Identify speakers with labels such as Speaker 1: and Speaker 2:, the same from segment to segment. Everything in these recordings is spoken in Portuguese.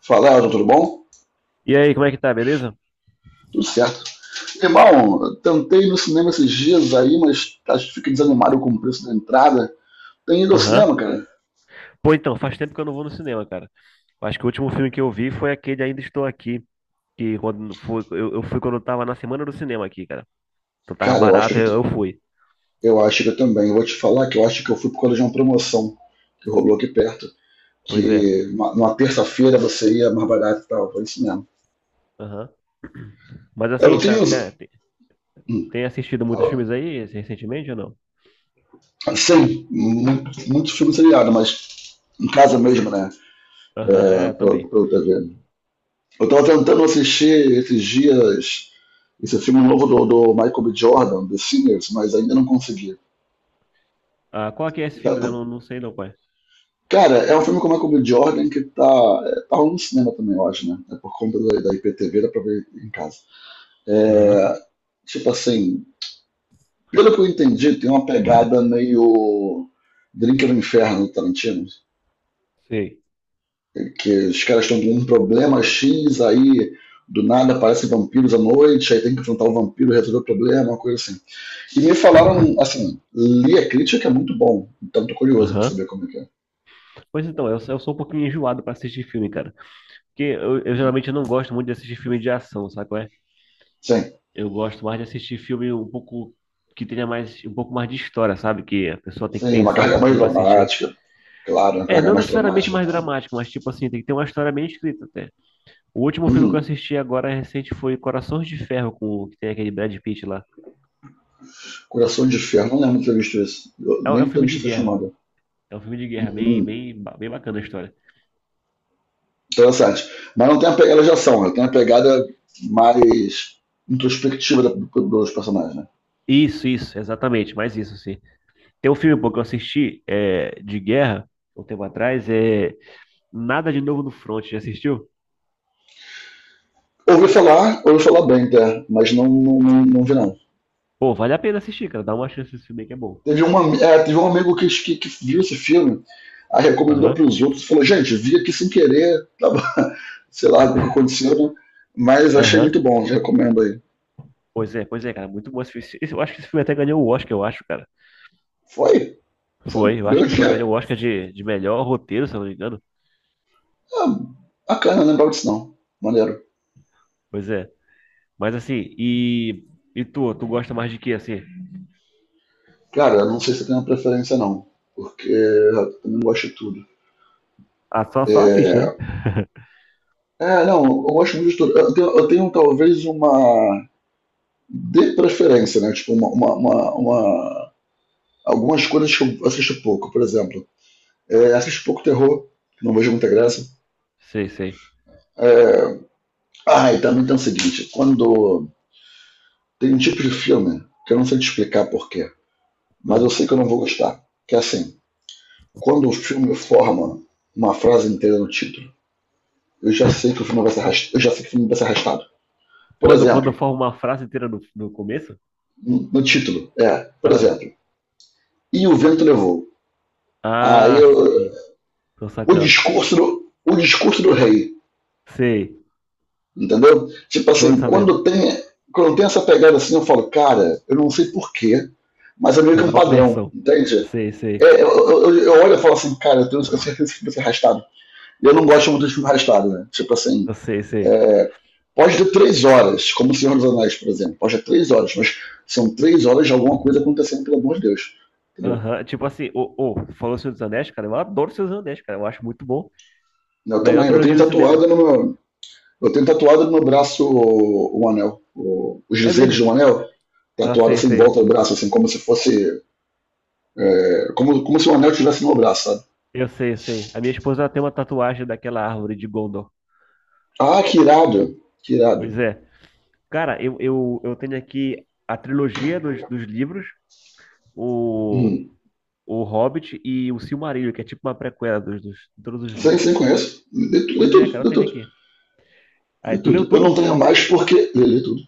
Speaker 1: Fala, Elton, tudo bom?
Speaker 2: E aí, como é que tá, beleza?
Speaker 1: Tudo certo. Irmão, tentei ir no cinema esses dias aí, mas acho que fiquei desanimado com o preço da entrada. Tem ido ao
Speaker 2: Aham.
Speaker 1: cinema, cara?
Speaker 2: Pô, então, faz tempo que eu não vou no cinema, cara. Eu acho que o último filme que eu vi foi aquele Ainda Estou Aqui, que quando foi, eu fui quando eu tava na semana do cinema aqui, cara. Então tava
Speaker 1: Cara,
Speaker 2: barato, eu fui.
Speaker 1: eu acho que eu também. Eu vou te falar que eu acho que eu fui por causa de uma promoção que rolou aqui perto.
Speaker 2: Pois é.
Speaker 1: Numa terça-feira você ia mais barato e tal. Foi isso mesmo.
Speaker 2: Aham. Mas
Speaker 1: Eu
Speaker 2: assim,
Speaker 1: tenho.
Speaker 2: tem
Speaker 1: hum,
Speaker 2: assistido muitos filmes aí recentemente ou não?
Speaker 1: Sim, muito, muito filme seriado, mas em casa mesmo, né?
Speaker 2: Aham,
Speaker 1: É,
Speaker 2: é, eu
Speaker 1: pelo,
Speaker 2: também.
Speaker 1: pelo TV. Eu tava tentando assistir esses dias esse filme novo do Michael B. Jordan, The Sinners, mas ainda não consegui.
Speaker 2: Ah, qual que é esse
Speaker 1: Tá-
Speaker 2: filme? Né? Eu
Speaker 1: tá-
Speaker 2: não sei não, pai.
Speaker 1: Cara, é um filme com o Michael B. Jordan que tá rolando no cinema também, eu acho, né? É por conta da IPTV, dá pra ver em casa.
Speaker 2: Aham.
Speaker 1: É, tipo assim, pelo que eu entendi, tem uma pegada meio Drink no Inferno do Tarantino,
Speaker 2: Sei.
Speaker 1: que os caras estão com um problema X, aí do nada aparecem vampiros à noite, aí tem que enfrentar o vampiro e resolver o problema, uma coisa assim. E me falaram, assim, li a crítica, é muito bom. Então tô curioso para
Speaker 2: Aham.
Speaker 1: saber como é que é.
Speaker 2: Pois então, eu sou um pouquinho enjoado pra assistir filme, cara. Porque eu
Speaker 1: Hum.
Speaker 2: geralmente não gosto muito de assistir filme de ação, sabe?
Speaker 1: Sim,
Speaker 2: Eu gosto mais de assistir filme um pouco que tenha mais um pouco mais de história, sabe? Que a pessoa tem que
Speaker 1: sim, uma
Speaker 2: pensar um
Speaker 1: carga mais
Speaker 2: pouquinho pra assistir.
Speaker 1: dramática. Claro, uma
Speaker 2: É,
Speaker 1: carga
Speaker 2: não
Speaker 1: mais
Speaker 2: necessariamente
Speaker 1: dramática e
Speaker 2: mais
Speaker 1: então.
Speaker 2: dramático, mas tipo assim, tem que ter uma história bem escrita até. O último
Speaker 1: Tal.
Speaker 2: filme que eu
Speaker 1: Uhum.
Speaker 2: assisti agora recente foi Corações de Ferro, que tem aquele Brad Pitt lá.
Speaker 1: Coração de Ferro, não lembro de ter visto isso. Eu
Speaker 2: É um
Speaker 1: nem ter
Speaker 2: filme
Speaker 1: visto
Speaker 2: de
Speaker 1: essa
Speaker 2: guerra.
Speaker 1: chamada.
Speaker 2: É um filme de guerra,
Speaker 1: Uhum.
Speaker 2: bem bacana a história.
Speaker 1: Interessante. Mas não tem a pegada de ação, né? Tem a pegada mais introspectiva da, dos personagens. Né?
Speaker 2: Isso, exatamente, mais isso, sim. Tem um filme pô, que eu assisti é, de guerra, um tempo atrás, é Nada de Novo no Front, já assistiu?
Speaker 1: Ouvi falar bem, até, mas não, não, não, não vi não.
Speaker 2: Pô, vale a pena assistir, cara, dá uma chance esse filme aí que é bom.
Speaker 1: Teve um amigo que viu esse filme, aí recomendou para
Speaker 2: Aham,
Speaker 1: os outros, falou, gente, vi aqui sem querer, tava, sei lá o que aconteceu, né? Mas achei muito
Speaker 2: aham.
Speaker 1: bom, recomendo aí.
Speaker 2: Pois é, cara, muito bom esse filme. Eu acho que esse filme até ganhou o Oscar, eu acho, cara.
Speaker 1: Foi,
Speaker 2: Foi, eu acho
Speaker 1: ganhou
Speaker 2: que foi, ganhou
Speaker 1: dinheiro.
Speaker 2: o Oscar de melhor roteiro, se eu não me engano.
Speaker 1: Ah, bacana, não lembrava disso não, maneiro.
Speaker 2: Pois é. Mas assim, e tu, tu gosta mais de quê, assim?
Speaker 1: Cara, eu não sei se eu tenho uma preferência não, porque eu não gosto de tudo.
Speaker 2: Ah, só, só a ficha, né?
Speaker 1: É, é, não, eu gosto muito de tudo. Eu tenho talvez uma de preferência, né? Tipo, algumas coisas que eu assisto pouco, por exemplo. É, assisto pouco terror, não vejo muita graça.
Speaker 2: Hum, sei, sei.
Speaker 1: É... Ah, e também tem o seguinte: quando tem um tipo de filme que eu não sei te explicar porquê, mas eu
Speaker 2: Ah.
Speaker 1: sei que eu não vou gostar. Que é assim, quando o filme forma uma frase inteira no título, eu já sei que o filme vai ser arrastado. Eu já sei que o filme vai ser arrastado. Por
Speaker 2: Quando, quando
Speaker 1: exemplo,
Speaker 2: forma uma frase inteira no começo?
Speaker 1: no título, por
Speaker 2: Ah,
Speaker 1: exemplo, e o vento levou. Aí
Speaker 2: ah,
Speaker 1: eu,
Speaker 2: sei. Tô sacando.
Speaker 1: o discurso do rei.
Speaker 2: Sei.
Speaker 1: Entendeu? Tipo
Speaker 2: Tô
Speaker 1: assim,
Speaker 2: sabendo.
Speaker 1: quando tem essa pegada assim, eu falo, cara, eu não sei porquê, mas é meio
Speaker 2: Pra
Speaker 1: que um
Speaker 2: dar uma
Speaker 1: padrão,
Speaker 2: versão.
Speaker 1: entende?
Speaker 2: Sei, sei.
Speaker 1: É, eu olho e falo assim, cara, eu tenho certeza que vai ser arrastado. E eu não gosto muito de filme arrastado, né? Tipo assim,
Speaker 2: Eu sei, sei.
Speaker 1: é, pode ter 3 horas, como o Senhor dos Anéis, por exemplo. Pode ter três horas, mas são 3 horas de alguma coisa acontecendo, pelo amor de Deus. Entendeu?
Speaker 2: Aham, tipo assim, ô, ô, falou Senhor dos Anéis, cara, eu adoro Senhor dos Anéis, cara, eu acho muito bom.
Speaker 1: Eu
Speaker 2: Melhor
Speaker 1: também,
Speaker 2: trilogia do cinema.
Speaker 1: eu tenho tatuado no braço o anel, os
Speaker 2: É
Speaker 1: dizeres
Speaker 2: mesmo?
Speaker 1: do anel,
Speaker 2: Ah,
Speaker 1: tatuado
Speaker 2: sei,
Speaker 1: assim em
Speaker 2: sei.
Speaker 1: volta do braço, assim, como se fosse. Como, se o anel estivesse no meu braço, sabe?
Speaker 2: Eu sei, eu sei. A minha esposa ela tem uma tatuagem daquela árvore de Gondor.
Speaker 1: Ah, que irado, que irado.
Speaker 2: Pois é. Cara, eu tenho aqui a trilogia dos livros, o,
Speaker 1: Uhum.
Speaker 2: o Hobbit e o Silmarillion, que é tipo uma prequela de todos os
Speaker 1: Sim,
Speaker 2: livros.
Speaker 1: sim, conheço. Lê, lê
Speaker 2: Pois é,
Speaker 1: tudo,
Speaker 2: cara, eu
Speaker 1: lê
Speaker 2: tenho
Speaker 1: tudo,
Speaker 2: aqui.
Speaker 1: lê
Speaker 2: Aí, tu leu
Speaker 1: tudo. Eu não
Speaker 2: tudo?
Speaker 1: tenho mais porque. Lê tudo.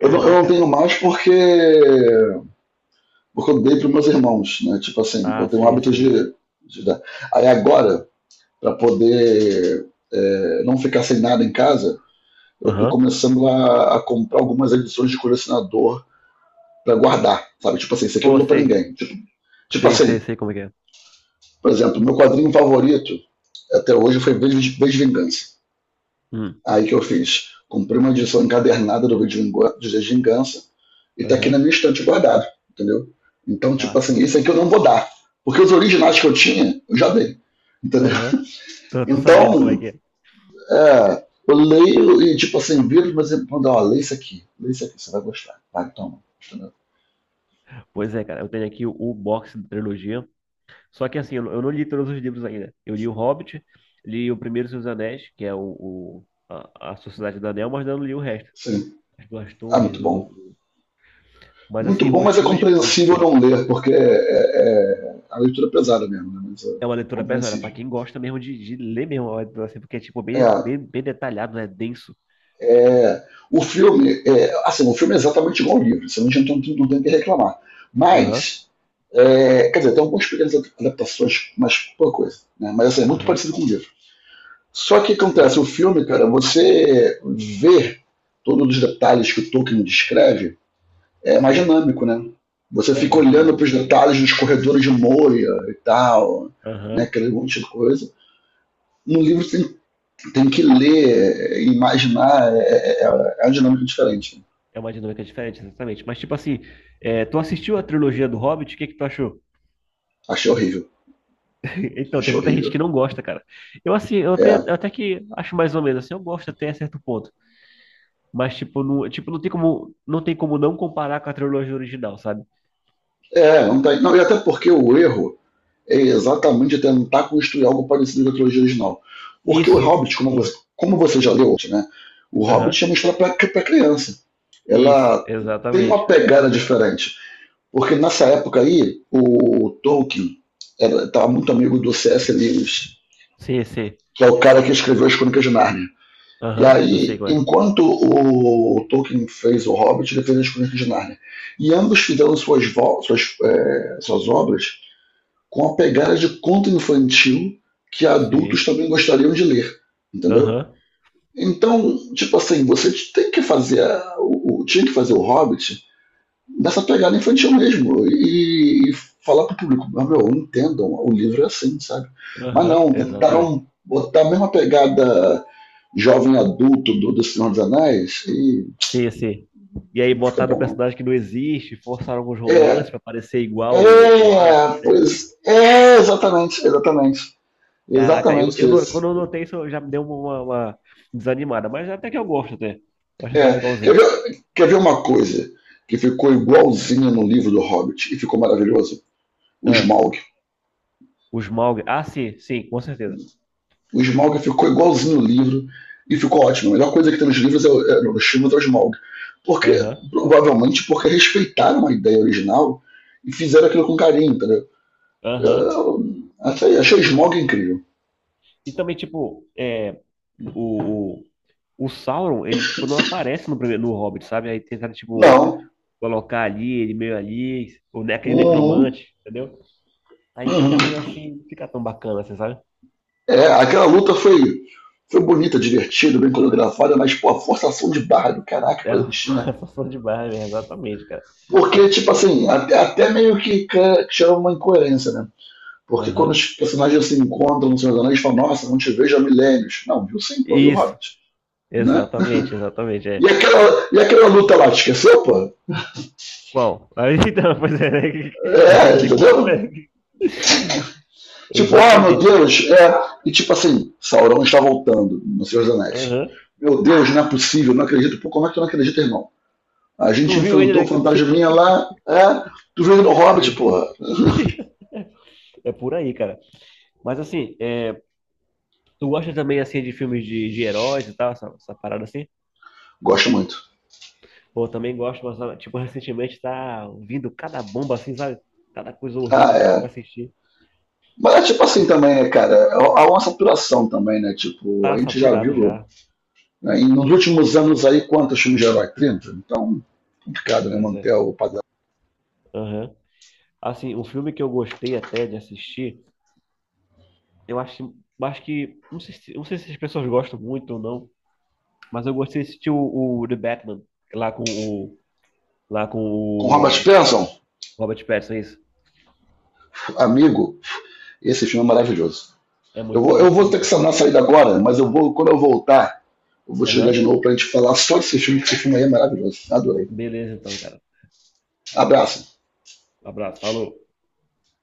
Speaker 1: Eu não tenho mais porque. Porque eu dei para meus irmãos, né? Tipo assim, eu
Speaker 2: Ah,
Speaker 1: tenho o
Speaker 2: sei,
Speaker 1: hábito de,
Speaker 2: sei.
Speaker 1: de dar. Aí agora, para poder não ficar sem nada em casa, eu tô
Speaker 2: Aham.
Speaker 1: começando a comprar algumas edições de colecionador para guardar, sabe? Tipo assim, isso aqui eu não
Speaker 2: Pô,
Speaker 1: dou pra
Speaker 2: sei.
Speaker 1: ninguém. Tipo
Speaker 2: Sei, sei,
Speaker 1: assim,
Speaker 2: sei como é que é.
Speaker 1: por exemplo, meu quadrinho favorito até hoje foi V de Vingança.
Speaker 2: Hum.
Speaker 1: Aí que eu fiz? Comprei uma edição encadernada do V de Vingança e tá aqui na
Speaker 2: Aham.
Speaker 1: minha estante guardado, entendeu? Então,
Speaker 2: Ah,
Speaker 1: tipo assim,
Speaker 2: sei.
Speaker 1: isso aqui eu não vou dar. Porque os originais que eu tinha, eu já dei. Entendeu?
Speaker 2: Aham. Tô, tô sabendo como é
Speaker 1: Então,
Speaker 2: que é.
Speaker 1: Eu leio e, tipo assim, viro, mas ele manda, ó, lê isso aqui, você vai gostar. Vai, toma. Entendeu?
Speaker 2: Pois é, cara, eu tenho aqui o box da trilogia. Só que assim, eu não li todos os livros ainda. Eu li O Hobbit, li o Primeiro Senhor dos Anéis, que é a Sociedade do Anel, mas não li o resto.
Speaker 1: Sim.
Speaker 2: As Duas
Speaker 1: Ah,
Speaker 2: Torres,
Speaker 1: muito bom.
Speaker 2: Mas
Speaker 1: Muito
Speaker 2: assim,
Speaker 1: bom, mas é
Speaker 2: Os...
Speaker 1: compreensível não ler, porque a leitura é pesada mesmo, né? Mas é
Speaker 2: É uma leitura pesada, para
Speaker 1: compreensível.
Speaker 2: quem gosta mesmo de ler mesmo, é uma leitura, assim, porque é tipo
Speaker 1: É,
Speaker 2: bem detalhado, né? Denso.
Speaker 1: é, o filme é exatamente igual ao livro, você não tem o que reclamar.
Speaker 2: Aham,
Speaker 1: Mas, quer dizer, tem algumas pequenas adaptações, mas pouca coisa, né? Mas, assim, é muito
Speaker 2: aham.
Speaker 1: parecido com o livro. Só que
Speaker 2: Sim,
Speaker 1: acontece, o
Speaker 2: sim.
Speaker 1: filme, cara, você vê todos os detalhes que o Tolkien descreve, é mais
Speaker 2: Sim,
Speaker 1: dinâmico, né? Você
Speaker 2: é
Speaker 1: fica
Speaker 2: mais
Speaker 1: olhando para os
Speaker 2: dinâmico, sim.
Speaker 1: detalhes dos corredores de Moria e tal, né?
Speaker 2: Aham.
Speaker 1: Aquele monte de coisa. No livro você tem que ler, imaginar, é uma dinâmica diferente.
Speaker 2: É uma dinâmica diferente, exatamente. Mas tipo assim, é, tu assistiu a trilogia do Hobbit, o que que tu achou?
Speaker 1: Achei horrível,
Speaker 2: Então, tem
Speaker 1: achei
Speaker 2: muita gente
Speaker 1: horrível.
Speaker 2: que não gosta, cara. Eu, assim,
Speaker 1: É,
Speaker 2: até que acho mais ou menos, assim, eu gosto até certo ponto. Mas, tipo, não tem como, não tem como não comparar com a trilogia original, sabe?
Speaker 1: é não, tá, não, e até porque o erro é exatamente tentar construir algo parecido com a trilogia original. Porque o
Speaker 2: Isso.
Speaker 1: Hobbit, como você já leu, né? O Hobbit
Speaker 2: Aham.
Speaker 1: é uma história para criança.
Speaker 2: Isso,
Speaker 1: Ela tem uma
Speaker 2: exatamente.
Speaker 1: pegada diferente. Porque nessa época aí, o Tolkien estava muito amigo do C.S. Lewis,
Speaker 2: Sim, sim.
Speaker 1: que é o cara que escreveu as Crônicas de Narnia. E
Speaker 2: Aham, eu sei
Speaker 1: aí,
Speaker 2: qual é.
Speaker 1: enquanto o Tolkien fez o Hobbit, ele fez as Crônicas de Narnia. E ambos fizeram suas obras com a pegada de conto infantil que adultos
Speaker 2: Sim.
Speaker 1: também gostariam de ler, entendeu?
Speaker 2: Aham,
Speaker 1: Então, tipo assim, você tem que fazer a, o, tinha que fazer o Hobbit nessa pegada infantil mesmo e falar pro público, ah, meu, entendam, o livro é assim, sabe? Mas
Speaker 2: aham,
Speaker 1: não,
Speaker 2: exatamente.
Speaker 1: tentaram botar a mesma pegada jovem adulto do Senhor dos Anéis e
Speaker 2: Sim, sim. E aí
Speaker 1: não fica
Speaker 2: botaram um
Speaker 1: bom não.
Speaker 2: personagem que não existe, forçaram alguns
Speaker 1: É,
Speaker 2: romances pra parecer igual o
Speaker 1: é,
Speaker 2: Aragorn, né?
Speaker 1: pois é, exatamente, exatamente,
Speaker 2: Caraca,
Speaker 1: exatamente
Speaker 2: eu não-
Speaker 1: isso.
Speaker 2: quando eu notei isso, já me deu uma desanimada, mas até que eu gosto até. Eu acho até
Speaker 1: É,
Speaker 2: legalzinho.
Speaker 1: quer ver uma coisa que ficou igualzinha no livro do Hobbit e ficou maravilhoso? O
Speaker 2: Ah,
Speaker 1: Smaug.
Speaker 2: os Smaug. Ah, sim, sim, com certeza.
Speaker 1: O Smaug ficou igualzinho no livro e ficou ótimo. A melhor coisa que tem nos livros, nos filmes, é o Smaug. Porque,
Speaker 2: Aham,
Speaker 1: provavelmente porque respeitaram a ideia original e fizeram aquilo com carinho, entendeu?
Speaker 2: aham.
Speaker 1: Eu, achei o Smaug incrível.
Speaker 2: E também, tipo, é, o, o, o Sauron, ele, tipo, não aparece no primeiro, no Hobbit, sabe? Aí tentaram, tipo,
Speaker 1: Não.
Speaker 2: colocar ali, ele meio ali, aquele
Speaker 1: Uhum.
Speaker 2: necromante, entendeu? Aí fica meio
Speaker 1: Uhum.
Speaker 2: assim, não fica tão bacana, assim, sabe?
Speaker 1: É, aquela luta foi bonita, divertida, bem coreografada, mas, pô, a forçação de barra do caraca pra
Speaker 2: Era
Speaker 1: existir, né?
Speaker 2: forçação de barra, mesmo, exatamente, cara.
Speaker 1: Porque, tipo assim, até meio que chama uma incoerência, né? Porque quando
Speaker 2: Aham.
Speaker 1: os personagens se encontram no Senhor dos Anéis, falam, nossa, não te vejo há milênios. Não, viu sim, pô, e o
Speaker 2: Isso,
Speaker 1: Hobbit, né?
Speaker 2: exatamente, exatamente, é.
Speaker 1: E aquela luta lá, te esqueceu, pô?
Speaker 2: Qual? Aí, então, pois é, né? A gente fica
Speaker 1: É,
Speaker 2: assim, qual?
Speaker 1: entendeu?
Speaker 2: Ué,
Speaker 1: Tipo, ah, meu
Speaker 2: exatamente, cara.
Speaker 1: Deus, é. E tipo assim, Sauron está voltando no Senhor dos Anéis.
Speaker 2: Aham.
Speaker 1: Meu Deus, não é possível, não acredito. Pô, como é que tu não acredita, irmão? A
Speaker 2: Tu
Speaker 1: gente
Speaker 2: viu ele,
Speaker 1: enfrentou
Speaker 2: né?
Speaker 1: o fantasminha lá, é. Tu veio no Hobbit, porra.
Speaker 2: É por aí, cara. Mas assim, é, tu gosta também assim de filmes de heróis e tal, essa parada assim?
Speaker 1: Gosto muito.
Speaker 2: Pô, eu também gosto, mas ah, tipo, recentemente tá vindo cada bomba assim, sabe? Cada coisa
Speaker 1: Ah,
Speaker 2: horrível que tu vai
Speaker 1: é.
Speaker 2: assistir.
Speaker 1: Mas é tipo assim também, né, cara? Há uma saturação também, né? Tipo,
Speaker 2: Tá
Speaker 1: a gente já
Speaker 2: saturado
Speaker 1: viu
Speaker 2: já.
Speaker 1: né, nos últimos anos aí quantos filmes de herói? 30? Então, complicado, né?
Speaker 2: Pois
Speaker 1: Manter
Speaker 2: é.
Speaker 1: o padrão.
Speaker 2: Aham. Assim, um filme que eu gostei até de assistir, eu acho, acho que, não sei, não sei se as pessoas gostam muito ou não, mas eu gostei de assistir o The Batman, lá com o, lá com
Speaker 1: Com Robert
Speaker 2: o
Speaker 1: Pattinson,
Speaker 2: Robert Pattinson, é isso.
Speaker 1: amigo, esse filme é maravilhoso.
Speaker 2: É
Speaker 1: Eu
Speaker 2: muito
Speaker 1: vou,
Speaker 2: bom
Speaker 1: eu
Speaker 2: esse
Speaker 1: vou
Speaker 2: filme,
Speaker 1: ter que
Speaker 2: cara.
Speaker 1: sanar a saída agora, mas eu vou, quando eu voltar, eu vou te ligar de
Speaker 2: Aham.
Speaker 1: novo pra gente falar só desse filme, que esse filme aí é maravilhoso. Adorei.
Speaker 2: Beleza, então, cara.
Speaker 1: Abraço.
Speaker 2: Um abraço, falou.